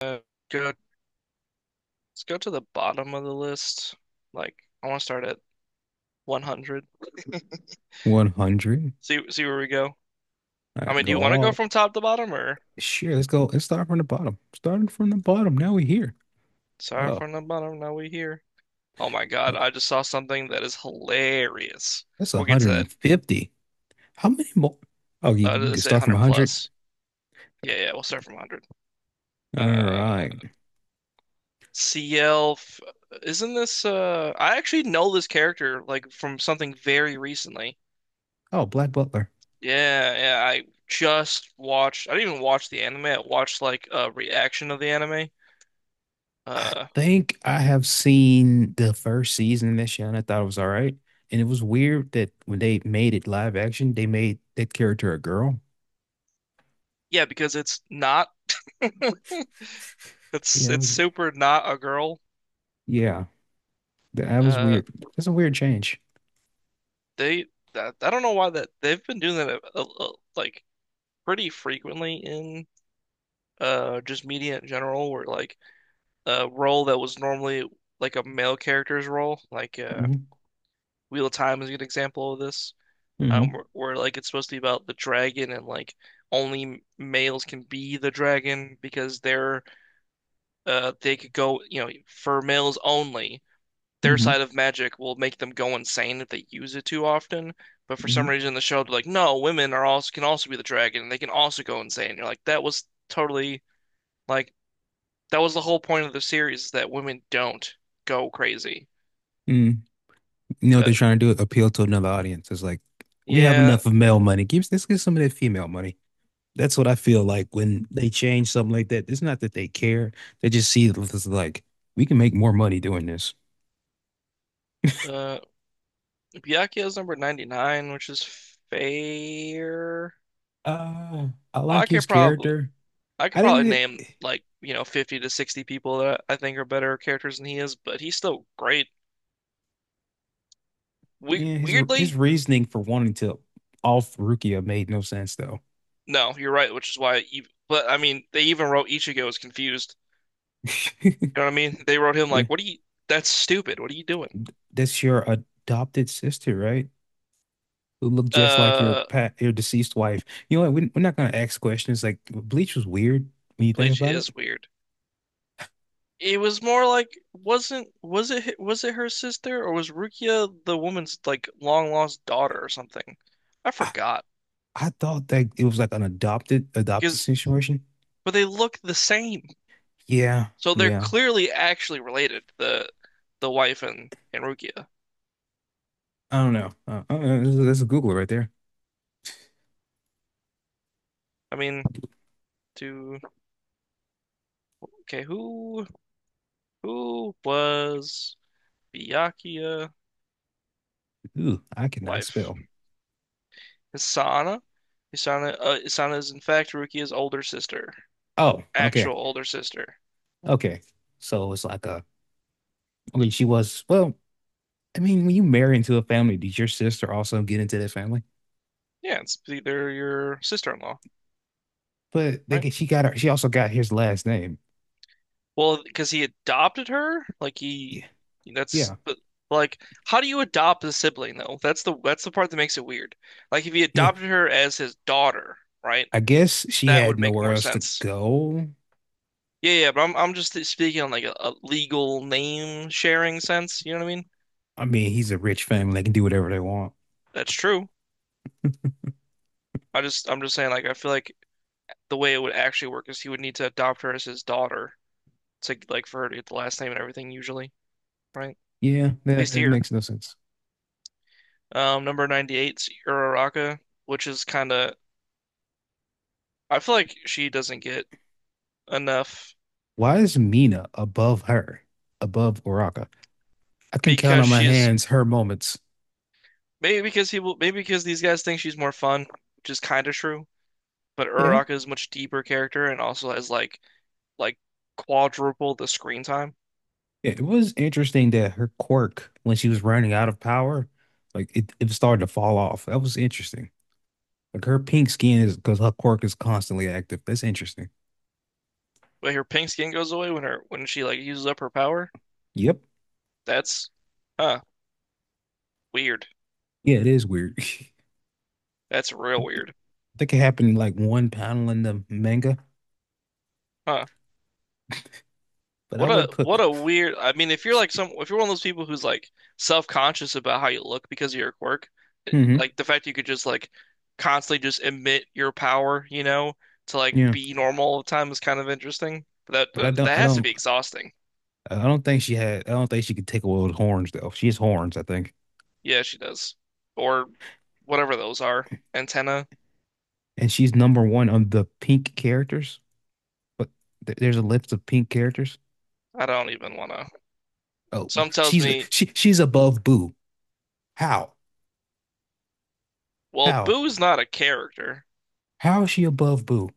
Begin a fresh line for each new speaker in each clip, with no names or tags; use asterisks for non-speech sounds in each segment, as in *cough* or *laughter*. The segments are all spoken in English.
Uh, let's go to the bottom of the list. Like, I want to start at 100.
100.
*laughs* See, see where we go.
All
I
right,
mean, do
go
you want to go
all.
from top to bottom or
Sure, let's go. Let's start from the bottom. Starting from the bottom. Now we're here.
sorry
Oh,
from the bottom? Now we here. Oh my God,
uh,
I just saw something that is hilarious.
that's
We'll get to that.
150. How many more? Oh, you can
Let's say
start from
100
100.
plus. Yeah, yeah, we'll start from 100.
All
Uh,
right.
CL, isn't this? I actually know this character like from something very recently.
Oh, Black Butler.
Yeah, yeah, I just watched, I didn't even watch the anime. I watched like a reaction of the anime.
I
Uh
think I have seen the first season of this show and I thought it was all right. And it was weird that when they made it live action, they made that character a girl.
yeah, because it's not, *laughs*
Yeah,
it's
it
it's
was.
super not a girl.
Yeah, that was
Uh
weird. That's a weird change.
they, I don't know why that they've been doing that like pretty frequently in just media in general, where like a role that was normally like a male character's role, like,
Hmm.
Wheel of Time is a good example of this. um,
Hmm.
where, where like it's supposed to be about the dragon, and like only males can be the dragon because they're, they could go, you know, for males only, their
Hmm.
side of magic will make them go insane if they use it too often. But for some
Hmm.
reason the show they're like, no, women are also can also be the dragon, and they can also go insane. And you're like, that was totally like, that was the whole point of the series, is that women don't go crazy.
You know what they're
But
trying to do? Appeal to another audience. It's like we have
yeah.
enough of male money. Give let's get some of that female money. That's what I feel like when they change something like that. It's not that they care. They just see it as like we can make more money doing this.
uh Byakuya is number 99, which is fair.
I
I
like his
could probably
character.
I
I
could
didn't
probably
really.
name, like, you know, 50 to 60 people that I think are better characters than he is, but he's still great. We
Yeah, his
weirdly,
his reasoning for wanting to off Rukia made no sense though.
no, you're right, which is why even, but I mean, they even wrote Ichigo as confused.
*laughs*
You know what I mean? They wrote him
Yeah,
like, "What are you that's stupid. What are you doing?"
that's your adopted sister, right? Who look just like
Uh,
your deceased wife. You know what? We're not gonna ask questions. Like Bleach was weird when you think
Bleach
about it.
is weird. It was more like, wasn't, was it her sister, or was Rukia the woman's like long lost daughter or something? I
I,
forgot,
I thought that it was like an adopted
because
situation.
but they look the same.
Yeah,
So they're
yeah.
clearly actually related, the wife and Rukia.
I don't know. That's a Google right there.
I mean, to Okay, who was Byakuya
Ooh, I cannot
wife?
spell.
Hisana? Hisana is in fact Rukia's older sister.
Oh, okay,
Actual older sister.
okay. So it's like a. I mean, she was. Well, I mean, when you marry into a family, did your sister also get into that family?
Yeah, it's either your sister-in-law,
But
right?
she got her. She also got his last name.
Well, because he adopted her, like he
Yeah,
that's
yeah,
but like, how do you adopt a sibling, though? That's the part that makes it weird. Like, if he
yeah.
adopted her as his daughter, right?
I guess she
That
had
would make
nowhere
more
else to
sense.
go.
Yeah, yeah, but I'm just speaking on like, a legal name sharing sense. You know what I mean?
I mean, he's a rich family. They can do whatever they want.
That's true. I'm just saying, like, I feel like the way it would actually work is he would need to adopt her as his daughter to like, for her to get the last name and everything usually, right? At
Yeah, that,
least
that
here.
makes no sense.
Number 98 's Uraraka, which is kind of, I feel like she doesn't get enough.
Why is Mina above her, above Uraka? I can count
Because
on my
she's
hands her moments.
Maybe because he will, maybe because these guys think she's more fun, which is kind of true. But
Yeah.
Uraraka is a much deeper character and also has like, quadruple the screen time.
It was interesting that her quirk, when she was running out of power, like it started to fall off. That was interesting. Like her pink skin is because her quirk is constantly active. That's interesting.
But her pink skin goes away when her when she like uses up her power.
Yep.
That's Huh, weird.
Yeah, it is weird. *laughs* I
That's real weird.
think it happened in like one panel in the manga,
Huh.
but I
What
would
a,
put.
what a weird. I mean, if you're like, some if you're one of those people who's like self-conscious about how you look because of your quirk, eh,
Hmm.
like the fact you could just like constantly just emit your power, you know, to like
Yeah.
be normal all the time is kind of interesting. But
But
that,
I don't
that
I
has to
don't
be exhausting.
I don't think she had I don't think she could take away those horns though. She has horns, I think.
Yeah, she does. Or whatever those are. Antenna.
And she's number one on the pink characters. But th there's a list of pink characters.
I don't even want to.
Oh,
Some tells
she's
me,
she she's above Boo. How?
well,
How?
Boo's not a character.
How is she above Boo?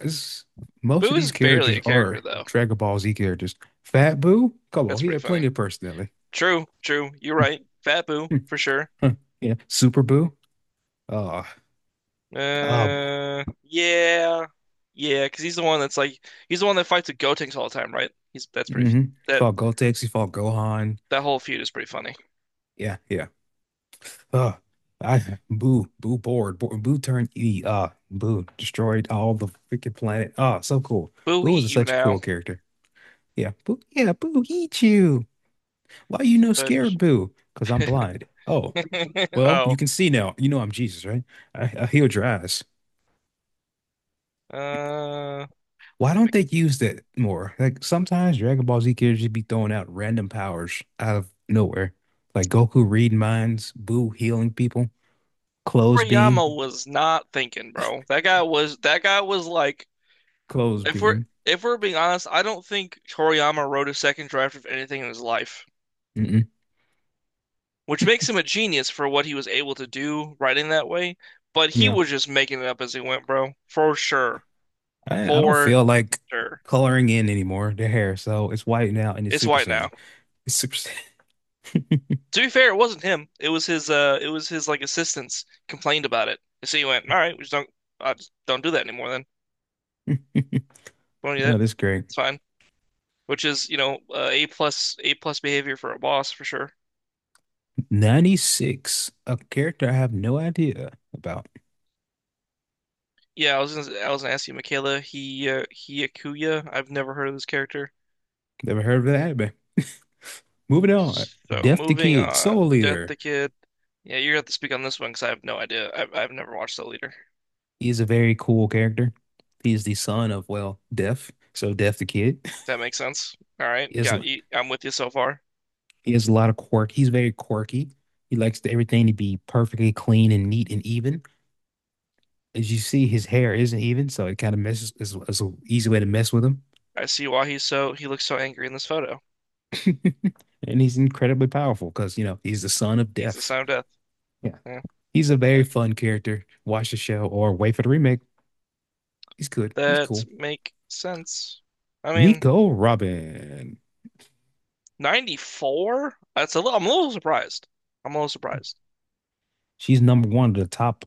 It's- Most of
Boo's
these
barely
characters
a character,
are
though.
Dragon Ball Z characters. Fat Boo? Come on,
That's
he
pretty
had
funny.
plenty of personality.
True, true. You're right. Fat Boo,
*laughs*
for sure.
Yeah. Super Boo? Uh uh
Yeah, yeah, because he's the one that's like, he's the one that fights the Gotenks all the time, right? He's That's pretty.
mm-hmm. He
That
fought Gotex. He fought Gohan.
that whole feud is pretty funny.
Yeah, yeah. Uh, I boo boo bored boo, boo turned E boo destroyed all the freaking planet. Oh, so cool.
Boo
Boo
eat
was
you
such a
now,
cool character. Yeah, boo. Yeah, boo eat you. Why you no
but
scared, boo? Because I'm blind. Oh,
*laughs*
well, you
oh,
can see now. You know I'm Jesus, right? I healed your eyes.
uh,
Why don't they use that more? Like sometimes Dragon Ball Z characters just be throwing out random powers out of nowhere, like Goku reading minds, Boo healing people, clothes
Toriyama
beam,
was not thinking, bro. That guy was like,
clothes
If we're
beam.
if we're being honest, I don't think Toriyama wrote a second draft of anything in his life,
Mm-mm.
which makes him a genius for what he was able to do writing that way. But he
Yeah.
was just making it up as he went, bro. For sure.
I don't
For
feel like
sure.
coloring in anymore the hair, so it's white now and it's
It's
super
white now.
saiyan. It's super
To be fair, it wasn't him. It was his, it was his like assistants complained about it. So he went, all right, we just don't I just don't do that anymore then.
saiyan.
Don't
*laughs*
do
Oh,
that.
that's great.
It's fine. Which is, you know, A plus, A plus behavior for a boss, for sure.
96, a character I have no idea about.
Yeah, I was gonna ask you, Michaela. He Akuya. I've never heard of this character.
Never heard of that anime. Moving on.
So
Deaf the
moving
Kid,
on,
Soul
Death
Leader.
the Kid. Yeah, you're gonna have to speak on this one because I have no idea. I've never watched The Leader.
He's a very cool character. He's the son of, well, Deaf. So Deaf the Kid. *laughs*
That makes sense. All right,
He has,
got you. I'm with you so far.
he has a lot of quirk. He's very quirky. He likes everything to be perfectly clean and neat and even. As you see, his hair isn't even, so it kind of messes. It's an easy way to mess with him.
I see why he's so, he looks so angry in this photo.
*laughs* And he's incredibly powerful because you know he's the son of
He's the
death.
son of death.
Yeah,
Yeah,
he's a very fun character. Watch the show or wait for the remake. He's good. He's
that
cool.
make sense. I mean,
Nico Robin.
94? That's a little, I'm a little surprised. I'm a little surprised.
She's number one of the top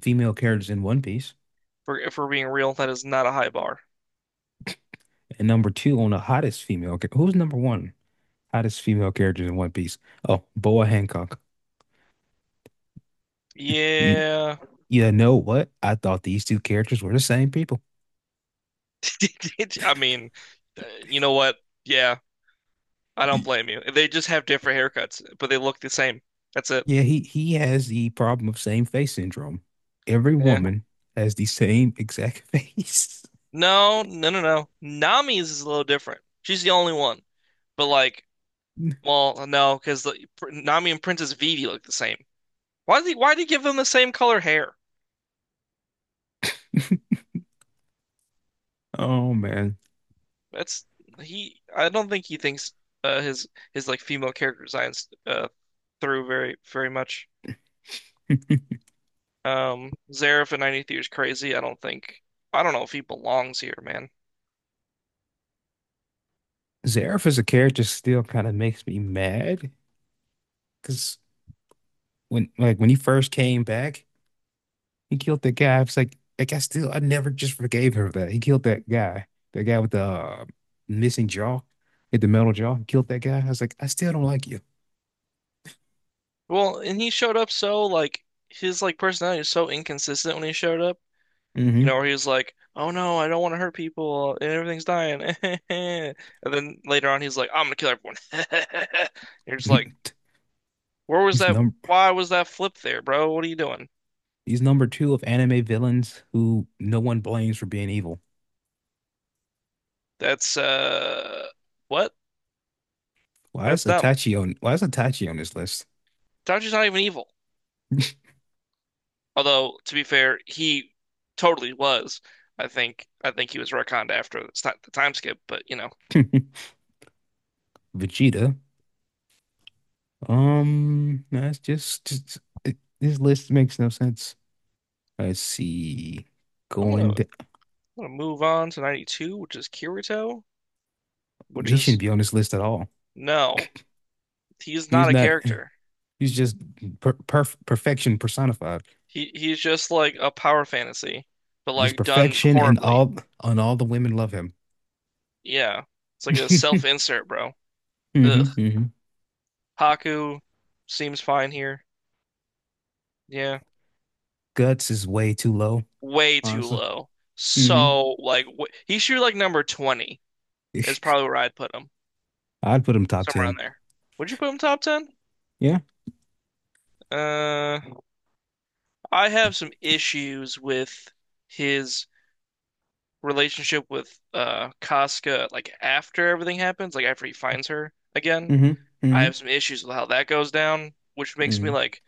female characters in One Piece,
For if we're being real, that is not a high bar.
and number two on the hottest female. Who's number one hottest female characters in One Piece? Oh, Boa Hancock. You,
Yeah.
you know what? I thought these two characters were the same people.
*laughs* I mean, uh, you know what? Yeah, I don't
You,
blame you. They just have different haircuts, but they look the same. That's it.
Yeah, he has the problem of same face syndrome. Every
Yeah.
woman has the same exact *laughs* face.
No, no, no, no. Nami's is a little different. She's the only one. But like, well, no, because Nami and Princess Vivi look the same. Why did he give them the same color hair?
Oh man.
That's He. I don't think he thinks, uh, his his like female character designs, through very, very much.
*laughs*
Zaref in 93 is crazy. I don't think. I don't know if he belongs here, man.
Zareth as a character still kind of makes me mad because when he first came back, he killed that guy. It's like I never just forgave him for that. He killed that guy with the missing jaw, with the metal jaw. He killed that guy. I was like, I still don't like you.
Well, and he showed up so like, his like personality is so inconsistent when he showed up. You know,
Hmm.
where he was like, "Oh no, I don't want to hurt people, and everything's dying." *laughs* And then later on, he's like, "I'm gonna kill everyone." *laughs* You're just like,
*laughs*
"Where was
He's
that?
number
Why was that flip there, bro? What are you doing?"
he's number two of anime villains who no one blames for being evil.
That's what?
Why is
That's dumb.
Itachi on why is Itachi on this list?
Tachi's not even evil. Although to be fair, he totally was. I think he was retconned after, it's not the time skip, but you know,
*laughs* Vegeta. That's just it, this list makes no sense. Let's see.
I'm gonna
Going
I'm
to,
gonna move on to 92, which is Kirito, which
he
is,
shouldn't be on this list at all.
no, he's
He's
not a
not
character.
he's just perfection personified.
He's just like a power fantasy, but
He's
like done
perfection and
horribly.
all and all the women love him.
Yeah, it's like
*laughs*
a
Hmm.
self-insert, bro. Ugh.
Hmm.
Haku seems fine here. Yeah,
Guts is way too low,
way too
honestly.
low.
Hmm.
So like, wh he should be like number 20 is
*laughs*
probably where I'd put him,
I'd put him top
somewhere around
10.
there. Would you put him top 10?
Yeah.
Uh, I have some issues with his relationship with, Casca, like after everything happens, like after he finds her again.
Hmm.
I
Hmm.
have some issues with how that goes down, which makes me
Hmm.
like,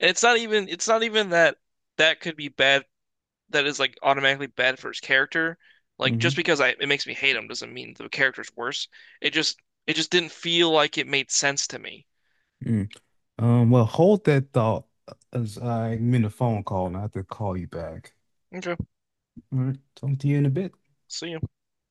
it's not even that that could be bad, that is like automatically bad for his character. Like, just
Hmm.
because I, it makes me hate him, doesn't mean the character's worse. It just it just didn't feel like it made sense to me.
Hmm. Well, hold that thought as I'm in a phone call and I have to call you back.
Okay,
All right, talk to you in a bit.
see ya.